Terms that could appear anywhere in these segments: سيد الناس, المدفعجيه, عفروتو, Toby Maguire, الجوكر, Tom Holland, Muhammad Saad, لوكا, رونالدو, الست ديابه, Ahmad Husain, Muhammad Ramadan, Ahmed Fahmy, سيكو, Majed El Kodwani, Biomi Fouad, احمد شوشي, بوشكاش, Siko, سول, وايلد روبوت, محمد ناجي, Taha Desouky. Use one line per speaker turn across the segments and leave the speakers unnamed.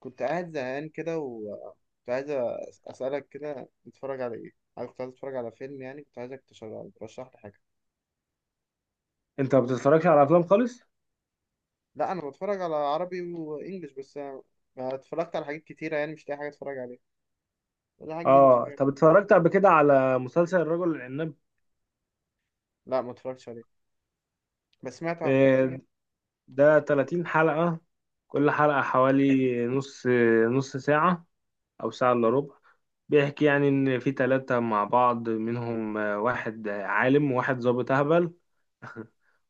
كنت قاعد زهقان كده، وكنت عايز أسألك كده نتفرج على إيه؟ أنا كنت عايز أتفرج على فيلم، يعني كنت عايزك تشغل ترشح لي حاجة.
انت ما بتتفرجش على افلام خالص.
لا، أنا بتفرج على عربي وإنجليش، بس أنا اتفرجت على حاجات كتيرة، يعني مش لاقي حاجة أتفرج عليها، ولا حاجة جديدة أتفرج
اه
عليها.
طب اتفرجت قبل كده على مسلسل الرجل العناب.
لا، ما اتفرجتش عليه، بس سمعت عنه.
آه، ده 30 حلقة. كل حلقة حوالي نص ساعة او ساعة الا ربع. بيحكي يعني ان في ثلاثة مع بعض منهم، واحد عالم وواحد ظابط اهبل،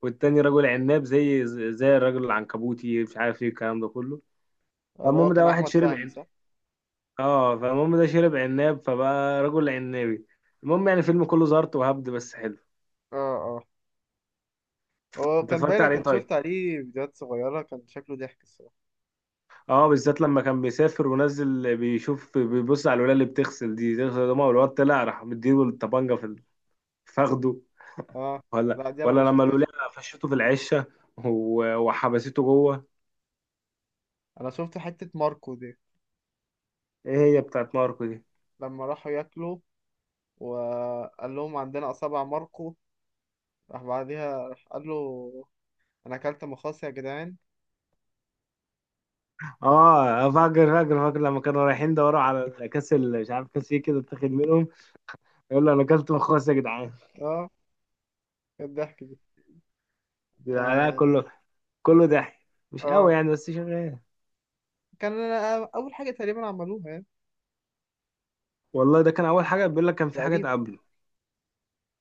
والتاني رجل عناب زي الرجل العنكبوتي، مش عارف ايه الكلام ده كله.
اللي هو
فالمهم
كان
ده واحد
أحمد
شرب
فهمي،
عن...
صح؟
اه فالمهم ده شرب عناب فبقى رجل عنابي. المهم يعني فيلم كله زارت وهبد بس حلو.
آه آه. هو
انت
كان
اتفرجت
باينة
عليه
كنت
طيب.
شفت عليه فيديوهات صغيرة، كان شكله ضحك الصراحة.
اه بالذات لما كان بيسافر ونزل بيشوف بيبص على الولاية اللي بتغسل دي تغسل دماغه، والواد طلع راح مديله الطبنجة فخده.
آه.
ولا
لا، دي أنا
ولا
ما
لما
شفتهاش.
الولاية فشته في العشة وحبسته جوه.
أنا شفت حتة ماركو دي
ايه هي بتاعت ماركو دي.
لما راحوا ياكلوا، وقال لهم عندنا أصابع ماركو، راح بعديها راح قال له: انا اكلت مخاص يا جدعان.
اه فاكر فاكر فاكر لما كانوا رايحين دوروا على كاس مش عارف كاس ايه كده اتاخد منهم، يقول له انا اكلت مخاص يا جدعان.
اه. إيه الضحك دي؟
جدعان أنا
اه
كله، كله ضحك مش قوي
اه.
يعني بس شغال.
كان اول حاجه تقريبا عملوها يعني.
والله ده كان اول حاجه، بيقول لك كان في حاجات
تقريبا.
قبله.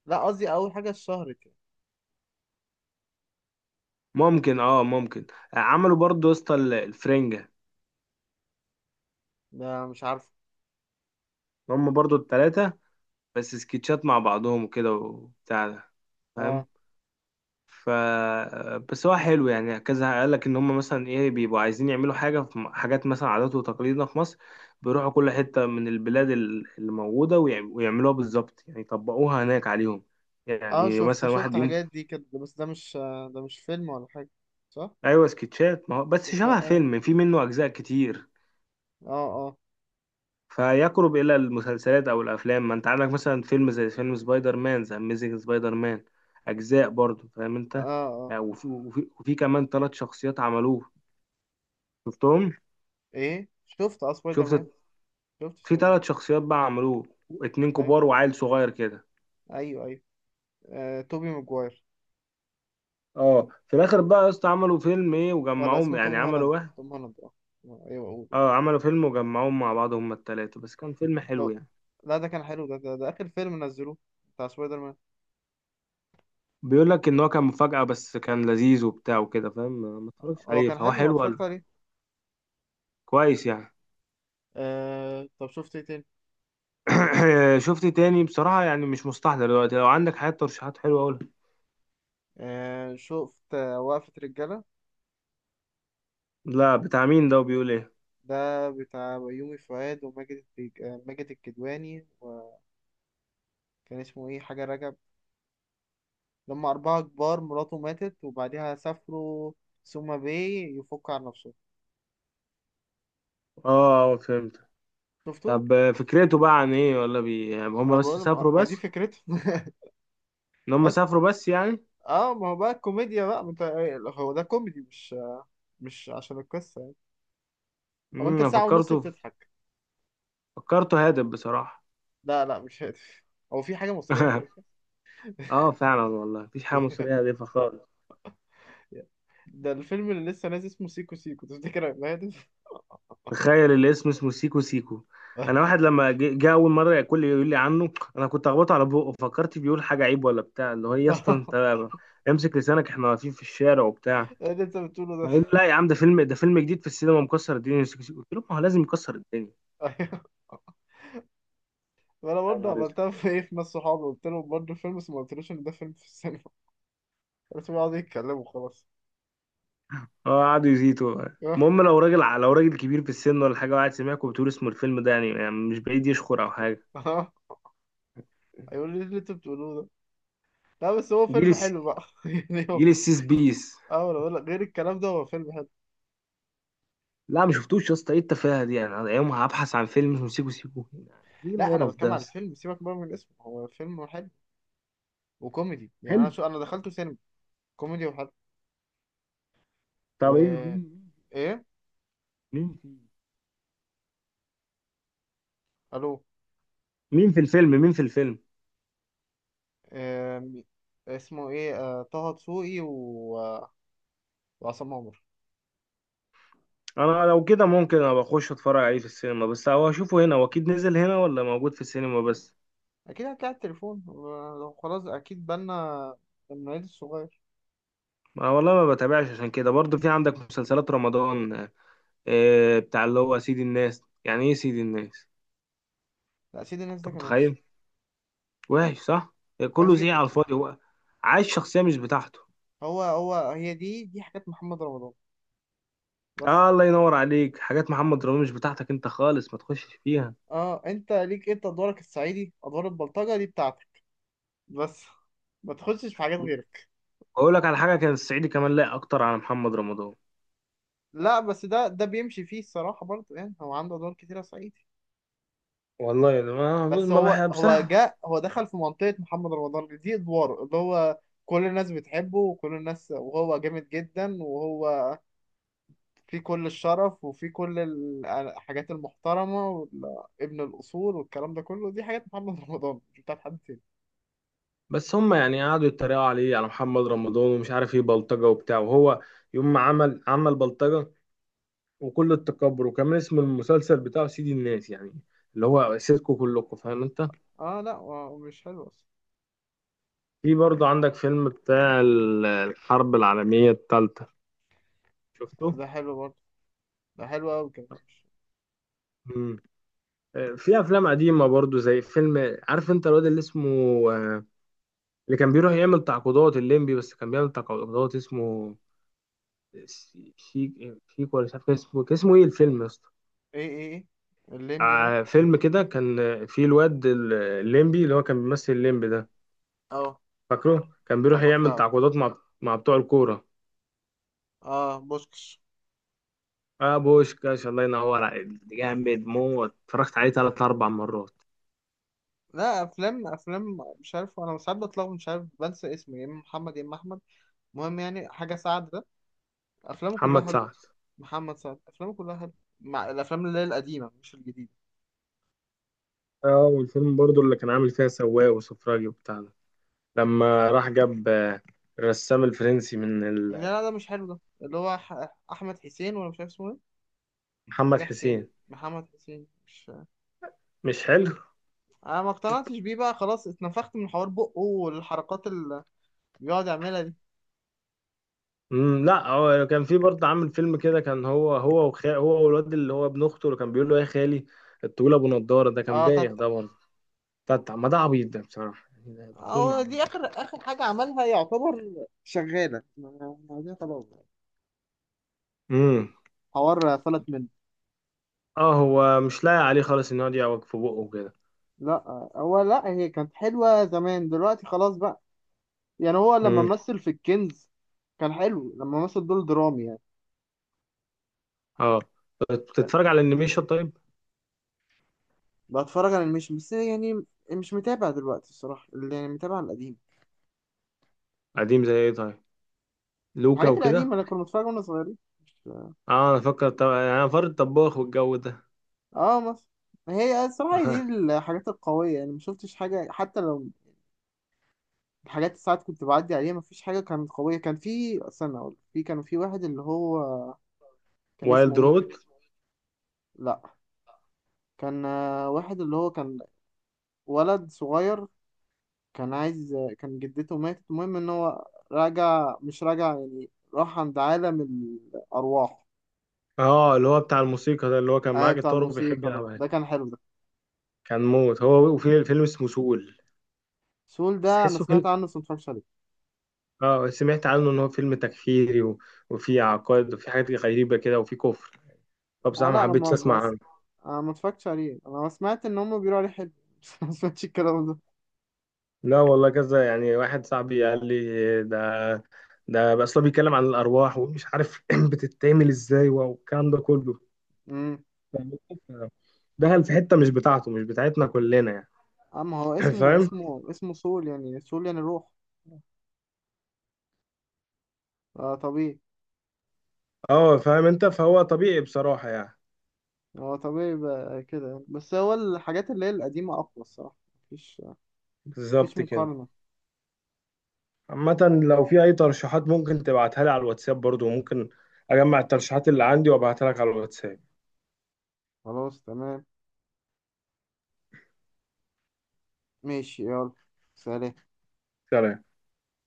لا، قصدي اول حاجه اتشهرت يعني.
ممكن اه ممكن. عملوا برضه يا اسطى الفرنجة،
ده مش عارفه.
هم برضو التلاتة، بس سكتشات مع بعضهم وكده وبتاع ده،
اه
فاهم. ف بس هو حلو يعني، كذا قال لك ان هم مثلا ايه بيبقوا عايزين يعملوا حاجه حاجات مثلا عادات وتقاليدنا في مصر، بيروحوا كل حته من البلاد اللي موجوده ويعملوها بالظبط، يعني يطبقوها هناك عليهم،
اه،
يعني
شفت
مثلا
شفت
واحد يوم.
حاجات دي كده، بس ده مش فيلم ولا حاجه، صح؟
ايوه سكتشات، ما هو بس
كده
شبه
اه
فيلم، في منه اجزاء كتير،
اه اه
فيقرب الى المسلسلات او الافلام، ما انت عندك مثلا فيلم زي فيلم سبايدر مان، ذا اميزنج سبايدر مان، اجزاء برضو فاهم انت.
اه اه.
يعني وفي كمان ثلاث شخصيات عملوه، شفتهم؟
ايه، شفت، اه سبايدر
شفت.
مان. شفت
في
سبايدر مان.
ثلاث شخصيات بقى عملوه، اتنين
ايوه.
كبار وعيل صغير كده.
ايوه ايوه. توبي ماجواير.
اه في الاخر بقى يا اسطى عملوا فيلم ايه
ولا
وجمعوهم،
اسمه توم
يعني عملوا
هولاند،
واحد.
توم هولاند، اه. ايوه، اقول.
اه عملوا فيلم وجمعوهم مع بعض هما التلاتة، بس كان فيلم حلو
لو.
يعني.
لا، ده كان حلو، ده ده آخر فيلم نزلوه، بتاع سبايدر مان.
بيقول لك ان هو كان مفاجأة، بس كان لذيذ وبتاع وكده فاهم. ما اتفرجش
هو
عليه
كان
فهو
حلو، ما
حلو
اتفرجت عليه.
كويس يعني.
طب شفت ايه تاني.
شفت تاني بصراحة يعني مش مستحضر دلوقتي، لو عندك حاجات ترشيحات حلوة قولها.
شفت وقفة رجالة.
لا بتاع مين ده وبيقول ايه.
ده بتاع بيومي فؤاد وماجد التج... آه، ماجد الكدواني، وكان اسمه ايه، حاجة رجب. لما أربعة كبار، مراته ماتت وبعديها سافروا سوما باي يفك عن نفسه.
اه فهمت.
شفته؟
طب فكرته بقى عن ايه ولا بي، يعني
أنا
هم بس
بقول ما
سافروا
ما دي
بس؟
فكرته.
ان هم
بس.
سافروا بس يعني.
اه، ما هو بقى الكوميديا بقى، ما انت، هو ده كوميدي، مش عشان القصة يعني. هو انت
أنا
ساعة ونص
فكرته،
بتضحك.
فكرته هادف بصراحة.
لا لا، مش هادف. هو في حاجة مصرية هادفة؟
اه فعلا والله مفيش حاجة مصرية هادفة خالص.
ده الفيلم اللي لسه نازل اسمه سيكو سيكو، تفتكر هيبقى هادف؟
تخيل الاسم اسمه سيكو سيكو. انا واحد لما جه اول مرة ياكل لي يقول لي عنه، انا كنت اخبطه على بقه، فكرت بيقول حاجة عيب ولا بتاع، اللي هو إيه يا اسطى انت، امسك لسانك احنا واقفين في الشارع وبتاع.
ايه اللي انت بتقوله ده؟
فقال لا يا عم، ده فيلم، ده فيلم جديد في السينما مكسر الدنيا. قلت له ما هو لازم يكسر الدنيا.
ايوه. وانا
يا
برضه
نهار اسود.
عملتها، في ايه، في ناس صحابي قلت لهم برضه فيلم، بس ما قلتلوش ان ده فيلم في السينما. بس بيقعدوا يتكلموا خلاص.
اه قعدوا يزيتوا بقى. المهم لو راجل كبير في السن ولا حاجه وقعد سمعك وبتقول اسمه الفيلم ده، يعني مش بعيد يشكر او حاجه.
هيقول لي ايه اللي انت بتقولوه ده. لا، بس هو
جيل
فيلم
الس...
حلو بقى، يعني هو.
جيل السيس بيس.
اه، انا بقول لك غير الكلام ده، هو فيلم حلو.
لا ما شفتوش يا اسطى ايه التفاهه دي، يعني أنا يوم هبحث عن فيلم اسمه سيكو سيكو، يعني ايه
لا، انا
القرف ده
بتكلم
يا
على
اسطى.
الفيلم، سيبك بقى من اسمه، هو فيلم حلو وكوميدي، يعني انا
حلو.
شو، انا دخلته سينما. كوميدي وحلو.
طب ايه
و،
مين
ايه،
مين في
الو.
مين في الفيلم؟
آم، اسمه ايه، طه دسوقي و... وعصام عمر.
انا لو كده ممكن ابقى اخش اتفرج عليه في السينما، بس هو اشوفه هنا، هو اكيد نزل هنا ولا موجود في السينما بس؟
اكيد هتلاقي على التليفون، لو خلاص اكيد بالنا من العيد الصغير.
ما والله ما بتابعش عشان كده. برضه في عندك مسلسلات رمضان. بتاع اللي هو سيد الناس، يعني ايه سيد الناس؟
لا، سيد الناس
انت
ده كان وحش،
متخيل، وحش صح،
وحش
كله زي
جدا.
على الفاضي، هو عايش شخصية مش بتاعته.
هو هو هي دي دي حاجات محمد رمضان بس.
آه الله ينور عليك، حاجات محمد رمضان مش بتاعتك انت خالص، ما تخشش فيها.
اه، انت ليك انت ادوارك الصعيدي، ادوار البلطجه دي بتاعتك بس، ما تخشش في حاجات غيرك.
اقول لك على حاجة، كان الصعيدي كمان لايق اكتر على محمد رمضان.
لا، بس ده بيمشي فيه الصراحه برضه، يعني هو عنده ادوار كتيره صعيدي.
والله ده ما
بس
ما
هو
بحب
هو
بصراحة.
جاء هو دخل في منطقة محمد رمضان، دي ادواره اللي هو كل الناس بتحبه، وكل الناس، وهو جامد جدا، وهو في كل الشرف، وفي كل الحاجات المحترمة، وابن الأصول، والكلام ده كله، دي حاجات محمد رمضان، مش بتاعت حد تاني.
بس هم يعني قعدوا يتريقوا عليه على محمد رمضان، ومش عارف ايه بلطجة وبتاع، وهو يوم ما عمل بلطجة، وكل التكبر، وكمان اسم المسلسل بتاعه سيدي الناس، يعني اللي هو سيركو كلكم، فاهم انت.
اه، لا هو مش حلو اصلا.
في برضه عندك فيلم بتاع الحرب العالمية الثالثة، شفته؟
ده حلو برضه، ده حلو قوي كمان، مش-
مم. في افلام قديمة برضه، زي فيلم، عارف انت الواد اللي اسمه آه، اللي كان بيروح يعمل تعقيدات الليمبي، بس كان بيعمل تعقيدات، اسمه شيك شيك ولا مش عارف، كان اسمه ايه الفيلم يا اسطى؟
ايه ايه ايه، الليمبي مال.
فيلم كده كان، فيه الواد الليمبي، اللي هو كان بيمثل الليمبي ده،
اه،
فاكره كان بيروح
محمد
يعمل
سعد.
تعاقدات مع بتوع الكورة.
اه، بوشكش.
اه بوشكاش الله ينور عليك، جامد موت، اتفرجت عليه ثلاث اربع مرات.
لا، افلام افلام مش عارف، انا ساعات بتلخبط مش عارف، بنسى اسمه، يا اما محمد يا اما احمد. المهم يعني حاجة سعد ده، أفلامه كلها
محمد
حلوة.
سعد.
محمد سعد، أفلامه كلها حلوة، مع الأفلام اللي هي القديمة مش الجديدة.
اه والفيلم برضو اللي كان عامل فيها سواق وسفراجي وبتاع ده، لما راح جاب الرسام الفرنسي من
لا لا، ده مش حلو، ده اللي هو أحمد حسين، ولا مش عارف اسمه إيه،
محمد
حاجة حسين،
حسين،
محمد حسين مش.
مش حلو.
أنا ما اقتنعتش بيه بقى خلاص، اتنفخت من حوار بقه، والحركات اللي بيقعد يعملها دي.
مم لا هو كان في برضه عامل فيلم كده، كان هو والواد اللي هو ابن اخته اللي كان بيقول له يا خالي، الطويل ابو نضاره ده كان
اه،
بايخ ده
تتح.
برضه. ما ده عبيط ده بصراحه، يعني ده فيلم
اه،
عبيط.
دي آخر آخر حاجة عملها يعتبر شغالة، ما دي خلاص،
امم.
حوار فلت منه.
اه هو مش لاقي عليه خالص ان هو يقعد يعوج في بقه وكده.
لا هي كانت حلوة زمان، دلوقتي خلاص بقى، يعني هو لما مثل في الكنز كان حلو، لما مثل دور درامي يعني.
اه
كان-
بتتفرج على الانيميشن طيب؟
بتفرج على الميشن بس يعني، مش متابع دلوقتي الصراحة، اللي يعني متابع القديم،
قديم زي ايه طيب، لوكا
الحاجات القديمة
وكده؟
اللي كنا بنتفرج واحنا صغيرين، مش-
اه انا فاكر، انا فار الطباخ والجو ده.
اه مثلا. هي الصراحة هي دي الحاجات القوية، يعني ما شفتش حاجة، حتى لو الحاجات اللي ساعات كنت بعدي عليها، ما فيش حاجة كانت قوية. كان في، استنى أقول، في كان في واحد اللي هو كان
وايلد
اسمه ايه،
روبوت.
ك-، لا، كان واحد اللي هو كان ولد صغير، كان عايز، كان جدته ماتت، المهم ان هو راجع مش راجع يعني، راح عند عالم الارواح.
اه اللي هو بتاع الموسيقى ده، اللي هو كان
اي،
معاه
بتاع
جيتار وبيحب
الموسيقى ده
يلعبها،
ده كان حلو ده.
كان موت. هو وفي فيلم اسمه سول.
سول
بس
ده انا
تحسه
سمعت
فيلم.
عنه، بس ما اتفرجتش عليه.
اه سمعت عنه ان هو فيلم تكفيري وفيه عقائد وفيه حاجات غريبة كده وفيه كفر،
آه،
فبصراحة ما
لا، انا
حبيتش
ما ما,
اسمع
س...
عنه.
أنا ما اتفرجتش عليه، انا سمعت ان هم بيقولوا عليه حلو بس. ما سمعتش الكلام ده.
لا والله كذا يعني، واحد صاحبي قال لي ده بس هو بيتكلم عن الارواح، ومش عارف بتتعمل ازاي والكلام ده كله،
امم.
فاهم أنت؟ دخل في حتة مش بتاعته، مش بتاعتنا كلنا يعني.
اما هو اسمه
فاهم.
اسمه سول، يعني سول يعني روح. آه، طبيعي.
اه فاهم انت، فهو طبيعي بصراحة يعني.
هو طبيعي يبقى كده يعني. بس هو الحاجات اللي هي القديمة اقوى الصراحة، مفيش، مفيش
بالظبط كده.
مقارنة.
عامة، لو في أي ترشيحات ممكن تبعتها لي على الواتساب، برضو ممكن أجمع الترشيحات اللي عندي وأبعتها لك على الواتساب.
خلاص، تمام، ماشي، يلا، سلام.
سلام.